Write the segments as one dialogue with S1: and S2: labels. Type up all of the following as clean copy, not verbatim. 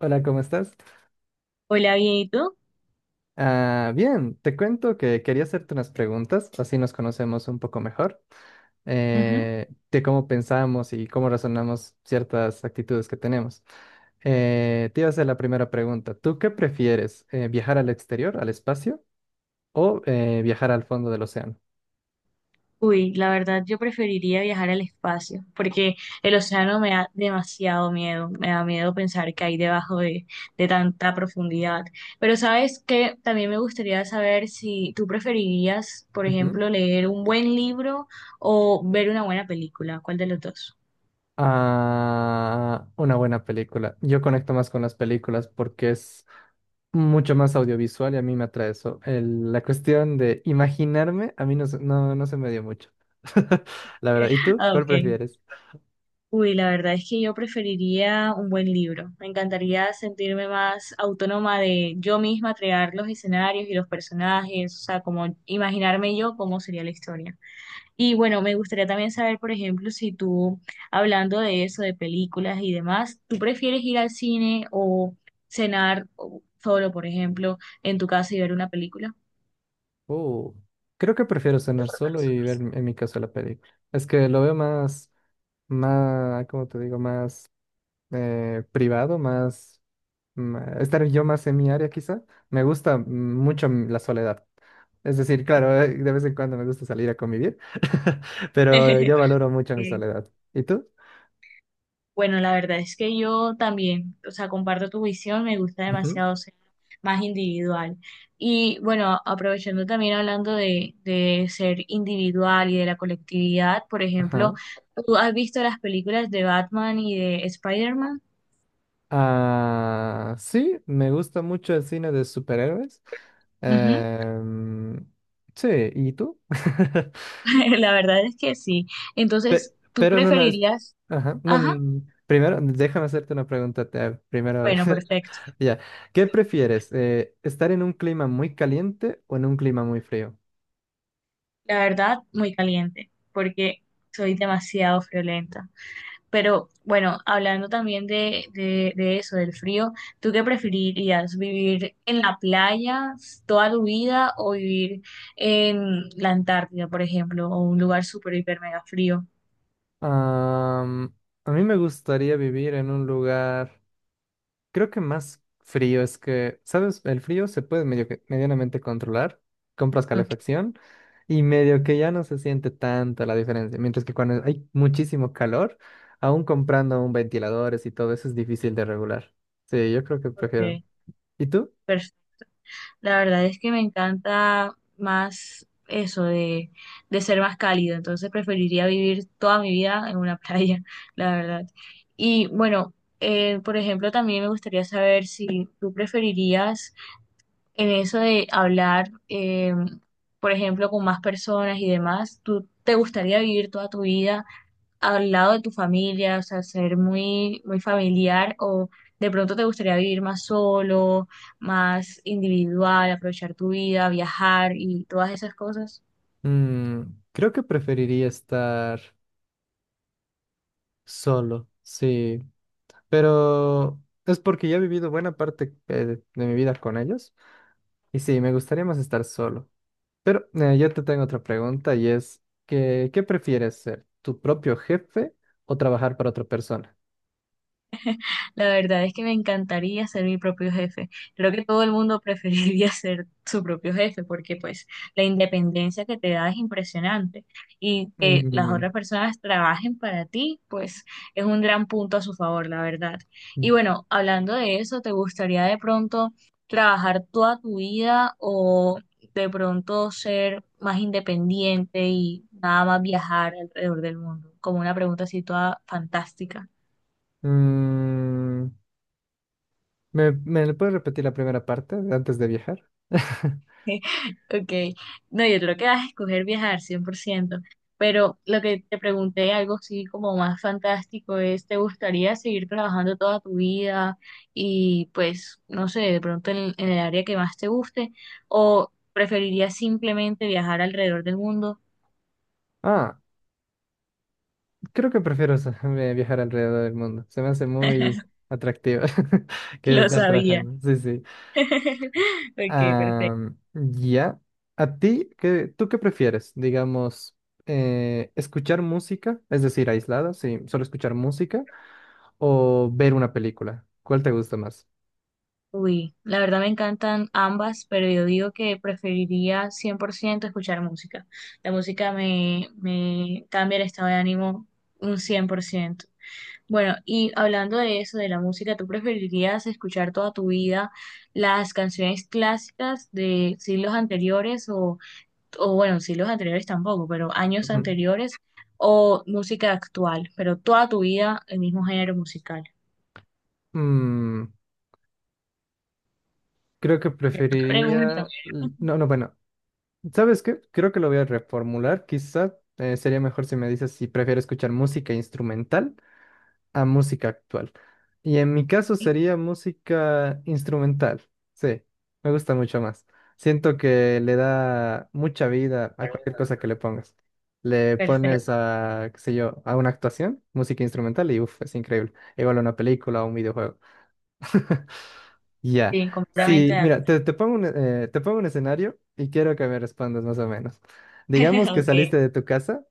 S1: Hola, ¿cómo estás?
S2: Hola, bien, ¿y tú?
S1: Ah, bien, te cuento que quería hacerte unas preguntas, así nos conocemos un poco mejor,
S2: Ujú.
S1: de cómo pensamos y cómo razonamos ciertas actitudes que tenemos. Te iba a hacer la primera pregunta. ¿Tú qué prefieres? ¿Viajar al exterior, al espacio, o viajar al fondo del océano?
S2: Uy, la verdad yo preferiría viajar al espacio porque el océano me da demasiado miedo, me da miedo pensar que hay debajo de tanta profundidad. Pero sabes que también me gustaría saber si tú preferirías, por
S1: Ujú.
S2: ejemplo, leer un buen libro o ver una buena película, ¿cuál de los dos?
S1: Ah, una buena película. Yo conecto más con las películas porque es mucho más audiovisual y a mí me atrae eso. La cuestión de imaginarme, a mí no, no, no se me dio mucho. La verdad. ¿Y tú?
S2: Ah,
S1: ¿Cuál
S2: ok.
S1: prefieres?
S2: Uy, la verdad es que yo preferiría un buen libro. Me encantaría sentirme más autónoma de yo misma crear los escenarios y los personajes, o sea, como imaginarme yo cómo sería la historia. Y bueno, me gustaría también saber, por ejemplo, si tú, hablando de eso, de películas y demás, ¿tú prefieres ir al cine o solo, por ejemplo, en tu casa y ver una película?
S1: Uh, Creo que prefiero cenar solo y ver en mi caso la película. Es que lo veo más, más, ¿cómo te digo? Más privado, más estar yo más en mi área quizá. Me gusta mucho la soledad. Es decir, claro, de vez en cuando me gusta salir a convivir, pero yo valoro mucho mi soledad. ¿Y tú?
S2: Bueno, la verdad es que yo también, o sea, comparto tu visión, me gusta demasiado ser más individual. Y bueno, aprovechando también hablando de ser individual y de la colectividad, por ejemplo,
S1: Ajá.
S2: ¿tú has visto las películas de Batman y de Spider-Man?
S1: Ah, sí, me gusta mucho el cine de superhéroes.
S2: Ujú.
S1: Em, sí, ¿y tú?
S2: La verdad es que sí. Entonces, ¿tú
S1: Pero no, no,
S2: preferirías?
S1: ajá, no,
S2: Ajá,
S1: no, primero, déjame hacerte una pregunta. Primero,
S2: bueno, perfecto.
S1: ya. ¿Qué prefieres? ¿Estar en un clima muy caliente o en un clima muy frío?
S2: La verdad, muy caliente, porque soy demasiado friolenta. Pero bueno, hablando también de eso, del frío, ¿tú qué preferirías? ¿Vivir en la playa toda tu vida o vivir en la Antártida, por ejemplo, o un lugar súper, hiper, mega frío?
S1: Am, a mí me gustaría vivir en un lugar. Creo que más frío, es que, ¿sabes? El frío se puede medianamente controlar. Compras
S2: Ok.
S1: calefacción y medio que ya no se siente tanto la diferencia. Mientras que cuando hay muchísimo calor, aún comprando un ventiladores y todo eso es difícil de regular. Sí, yo creo que prefiero.
S2: Ok,
S1: ¿Y tú?
S2: pers- la verdad es que me encanta más eso de ser más cálido, entonces preferiría vivir toda mi vida en una playa, la verdad. Y bueno, por ejemplo, también me gustaría saber si tú preferirías en eso de hablar, por ejemplo, con más personas y demás, ¿tú te gustaría vivir toda tu vida al lado de tu familia, o sea, ser muy, muy familiar o de pronto te gustaría vivir más solo, más individual, aprovechar tu vida, viajar y todas esas cosas?
S1: Mm, creo que preferiría estar solo, sí. Pero es porque ya he vivido buena parte de mi vida con ellos. Y sí, me gustaría más estar solo. Pero yo te tengo otra pregunta y es que, ¿qué prefieres ser? ¿Tu propio jefe o trabajar para otra persona?
S2: La verdad es que me encantaría ser mi propio jefe. Creo que todo el mundo preferiría ser su propio jefe porque pues la independencia que te da es impresionante y que las
S1: Mm,
S2: otras personas trabajen para ti pues es un gran punto a su favor, la verdad. Y bueno, hablando de eso, ¿te gustaría de pronto trabajar toda tu vida o de pronto ser más independiente y nada más viajar alrededor del mundo? Como una pregunta así toda fantástica.
S1: mm, ¿Me, me puedes repetir la primera parte antes de viajar?
S2: Ok, no, yo creo que vas a escoger viajar 100%, pero lo que te pregunté, algo así como más fantástico, es, ¿te gustaría seguir trabajando toda tu vida y pues, no sé, de pronto en el área que más te guste o preferirías simplemente viajar alrededor del mundo?
S1: Ah, creo que prefiero viajar alrededor del mundo. Se me hace muy atractivo que
S2: Lo
S1: estar
S2: sabía.
S1: trabajando. Sí, sí.
S2: Ok, perfecto.
S1: Am, ya. ¿A ti qué, tú qué prefieres? Digamos, escuchar música, es decir, aislada, sí, solo escuchar música, o ver una película. ¿Cuál te gusta más?
S2: Uy, la verdad me encantan ambas, pero yo digo que preferiría 100% escuchar música. La música me cambia el estado de ánimo un 100%. Bueno, y hablando de eso, de la música, ¿tú preferirías escuchar toda tu vida las canciones clásicas de siglos anteriores o bueno, siglos anteriores tampoco, pero años
S1: Ujú.
S2: anteriores o música actual, pero toda tu vida el mismo género musical?
S1: Mm, creo que
S2: Pregunta,
S1: preferiría... No, no, bueno. ¿Sabes qué? Creo que lo voy a reformular. Quizá sería mejor si me dices si prefiero escuchar música instrumental a música actual. Y en mi caso
S2: ¿sí?
S1: sería música instrumental. Sí, me gusta mucho más. Siento que le da mucha vida a cualquier cosa que le pongas. Le pones
S2: Perfecto.
S1: a, qué sé yo, a una actuación, música instrumental y uff, es increíble. Igual a una película o un videojuego. Ya.
S2: Sí, completamente
S1: Sí,
S2: de
S1: mira,
S2: acuerdo.
S1: te, te pongo un escenario y quiero que me respondas más o menos. Digamos que saliste
S2: Ok.
S1: de tu casa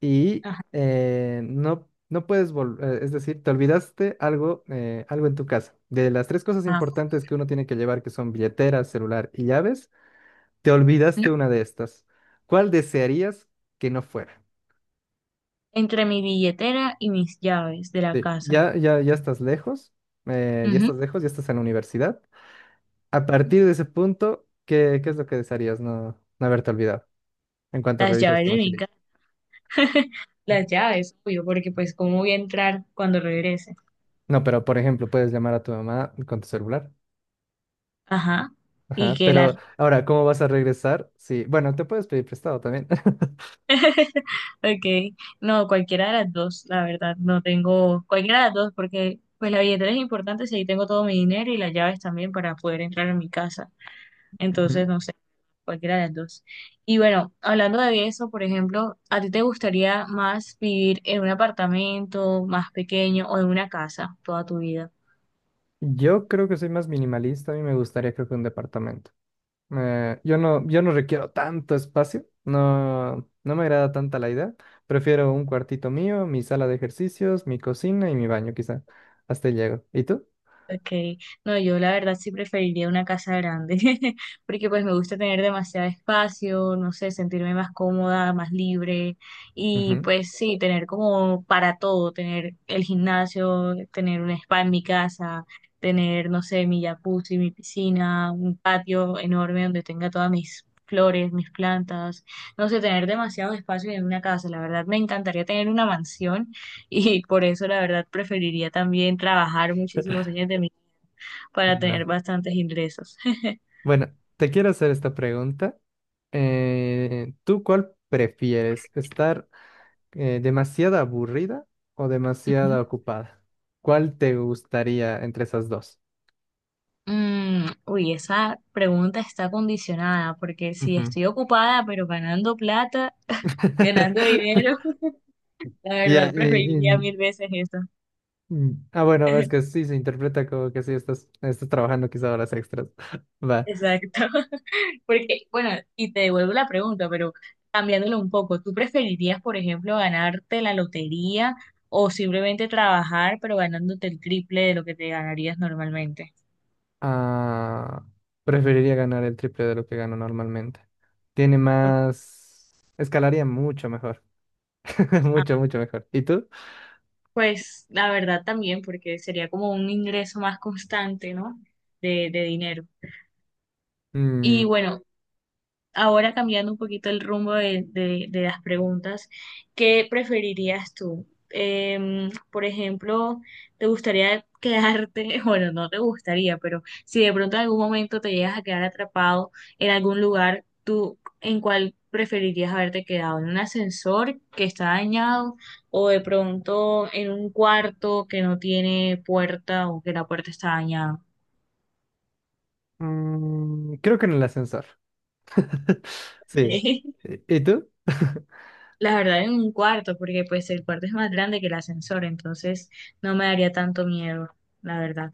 S1: y
S2: Ajá.
S1: no, no puedes volver, es decir, te olvidaste algo, algo en tu casa. De las tres cosas
S2: Ajá.
S1: importantes que uno tiene que llevar, que son billetera, celular y llaves, te olvidaste una de estas. ¿Cuál desearías que no fuera?
S2: Entre mi billetera y mis llaves de la
S1: Sí,
S2: casa.
S1: ya, ya, ya estás lejos, ya
S2: Ujú.
S1: estás lejos, ya estás en la universidad. A partir de ese punto, ¿qué, qué es lo que desearías no, no haberte olvidado en cuanto
S2: Las
S1: revisas
S2: llaves
S1: tu
S2: de mi
S1: mochilita?
S2: casa. Las llaves, obvio, porque pues cómo voy a entrar cuando regrese.
S1: No, pero por ejemplo, puedes llamar a tu mamá con tu celular.
S2: Ajá. Y
S1: Ajá,
S2: que la...
S1: pero ahora, ¿cómo vas a regresar? Sí, bueno, te puedes pedir prestado también.
S2: Okay, no, cualquiera de las dos, la verdad. No tengo... Cualquiera de las dos, porque pues la billetera es importante si ahí tengo todo mi dinero y las llaves también para poder entrar en mi casa.
S1: Ujú.
S2: Entonces, no sé, cualquiera de las dos. Y bueno, hablando de eso, por ejemplo, ¿a ti te gustaría más vivir en un apartamento más pequeño o en una casa toda tu vida?
S1: Yo creo que soy más minimalista, a mí me gustaría creo que un departamento. Yo no, yo no requiero tanto espacio, no, no me agrada tanta la idea. Prefiero un cuartito mío, mi sala de ejercicios, mi cocina y mi baño quizá. Hasta ahí llego. ¿Y tú?
S2: Okay, no, yo la verdad sí preferiría una casa grande, porque pues me gusta tener demasiado espacio, no sé, sentirme más cómoda, más libre y
S1: Ujú.
S2: pues sí, tener como para todo, tener el gimnasio, tener un spa en mi casa, tener, no sé, mi jacuzzi, mi piscina, un patio enorme donde tenga todas mis flores, mis plantas, no sé, tener demasiados espacios en una casa, la verdad me encantaría tener una mansión y por eso, la verdad, preferiría también trabajar muchísimos años de mi vida para tener
S1: Ah,
S2: bastantes ingresos.
S1: bueno, te quiero hacer esta pregunta. ¿Tú cuál prefieres? ¿Estar demasiada aburrida o demasiada
S2: Ujú.
S1: ocupada? ¿Cuál te gustaría entre esas dos?
S2: Uy, esa pregunta está condicionada porque si
S1: Ujú.
S2: estoy ocupada pero ganando plata, ganando dinero, la
S1: Ya,
S2: verdad preferiría mil veces eso.
S1: bueno, es que sí se interpreta como que sí estás, estás trabajando quizá horas extras. Va.
S2: Exacto. Porque, bueno, y te devuelvo la pregunta, pero cambiándolo un poco, ¿tú preferirías, por ejemplo, ganarte la lotería o simplemente trabajar, pero ganándote el triple de lo que te ganarías normalmente?
S1: Ah, preferiría ganar el triple de lo que gano normalmente. Tiene más, escalaría mucho mejor,
S2: Ah,
S1: mucho, mucho mejor. ¿Y tú?
S2: pues la verdad también, porque sería como un ingreso más constante, ¿no? De dinero.
S1: Mm,
S2: Y bueno, ahora cambiando un poquito el rumbo de las preguntas, ¿qué preferirías tú? Em, por ejemplo, ¿te gustaría quedarte, bueno, no te gustaría, pero si de pronto en algún momento te llegas a quedar atrapado en algún lugar, ¿tú en cuál preferirías haberte quedado? ¿En un ascensor que está dañado o de pronto en un cuarto que no tiene puerta o que la puerta está dañada?
S1: creo que en el ascensor. Sí. Y tú?
S2: La verdad, en un cuarto, porque pues el cuarto es más grande que el ascensor, entonces no me daría tanto miedo, la verdad.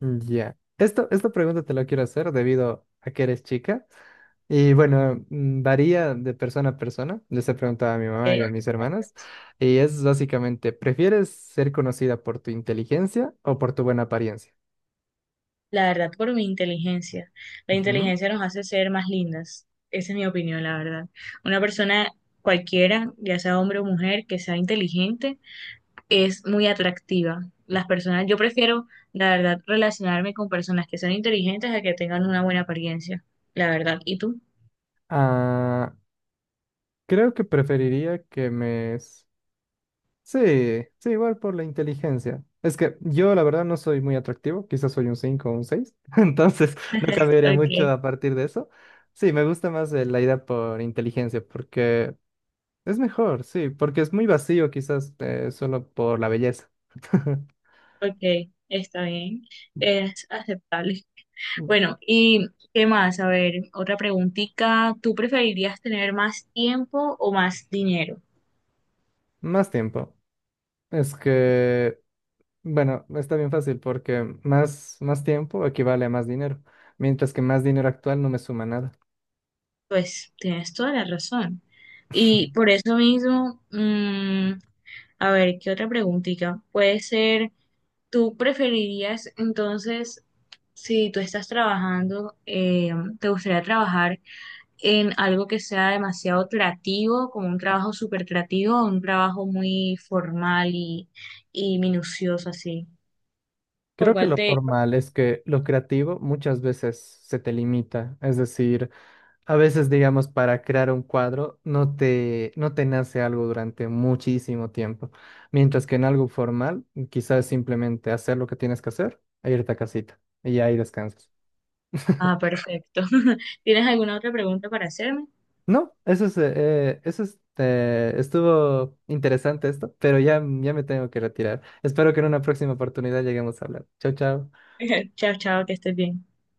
S1: Ya. Esto, esta pregunta te la quiero hacer debido a que eres chica. Y bueno, varía de persona a persona. Les he preguntado a mi mamá y a mis
S2: ¿Ok?
S1: hermanas. Y es básicamente, ¿prefieres ser conocida por tu inteligencia o por tu buena apariencia?
S2: La verdad, por mi inteligencia. La
S1: Ujú.
S2: inteligencia nos hace ser más lindas. Esa es mi opinión, la verdad. Una persona cualquiera, ya sea hombre o mujer, que sea inteligente, es muy atractiva. Las personas, yo prefiero, la verdad, relacionarme con personas que sean inteligentes a que tengan una buena apariencia, la verdad. ¿Y tú?
S1: Ah, creo que preferiría que sí, sí, igual por la inteligencia. Es que yo la verdad no soy muy atractivo, quizás soy un 5, o un 6. Entonces no cambiaría mucho
S2: Ok.
S1: a partir de eso. Sí, me gusta más la idea por inteligencia, porque es mejor, sí, porque es muy vacío quizás solo por la belleza.
S2: Ok, está bien. Es aceptable.
S1: Mm,
S2: Bueno, ¿y qué más? A ver, otra preguntita. ¿Tú preferirías tener más tiempo o más dinero?
S1: más tiempo. Es que, bueno, está bien fácil porque más, más tiempo equivale a más dinero, mientras que más dinero actual no me suma nada.
S2: Pues tienes toda la razón. Y por eso mismo, a ver, ¿qué otra preguntita? Puede ser, ¿tú preferirías entonces, si tú estás trabajando, te gustaría trabajar en algo que sea demasiado creativo, como un trabajo súper creativo o un trabajo muy formal y minucioso así? ¿Por
S1: Creo que
S2: cuál
S1: lo
S2: te...
S1: formal, es que lo creativo muchas veces se te limita, es decir, a veces digamos para crear un cuadro no te no te nace algo durante muchísimo tiempo, mientras que en algo formal quizás simplemente hacer lo que tienes que hacer e irte a casita y ahí descansas.
S2: Ah, perfecto. ¿Tienes alguna otra pregunta para hacerme?
S1: No, eso es, estuvo interesante esto, pero ya ya me tengo que retirar. Espero que en una próxima oportunidad lleguemos a hablar. Chao, chao.
S2: Chao, chao, que estés bien.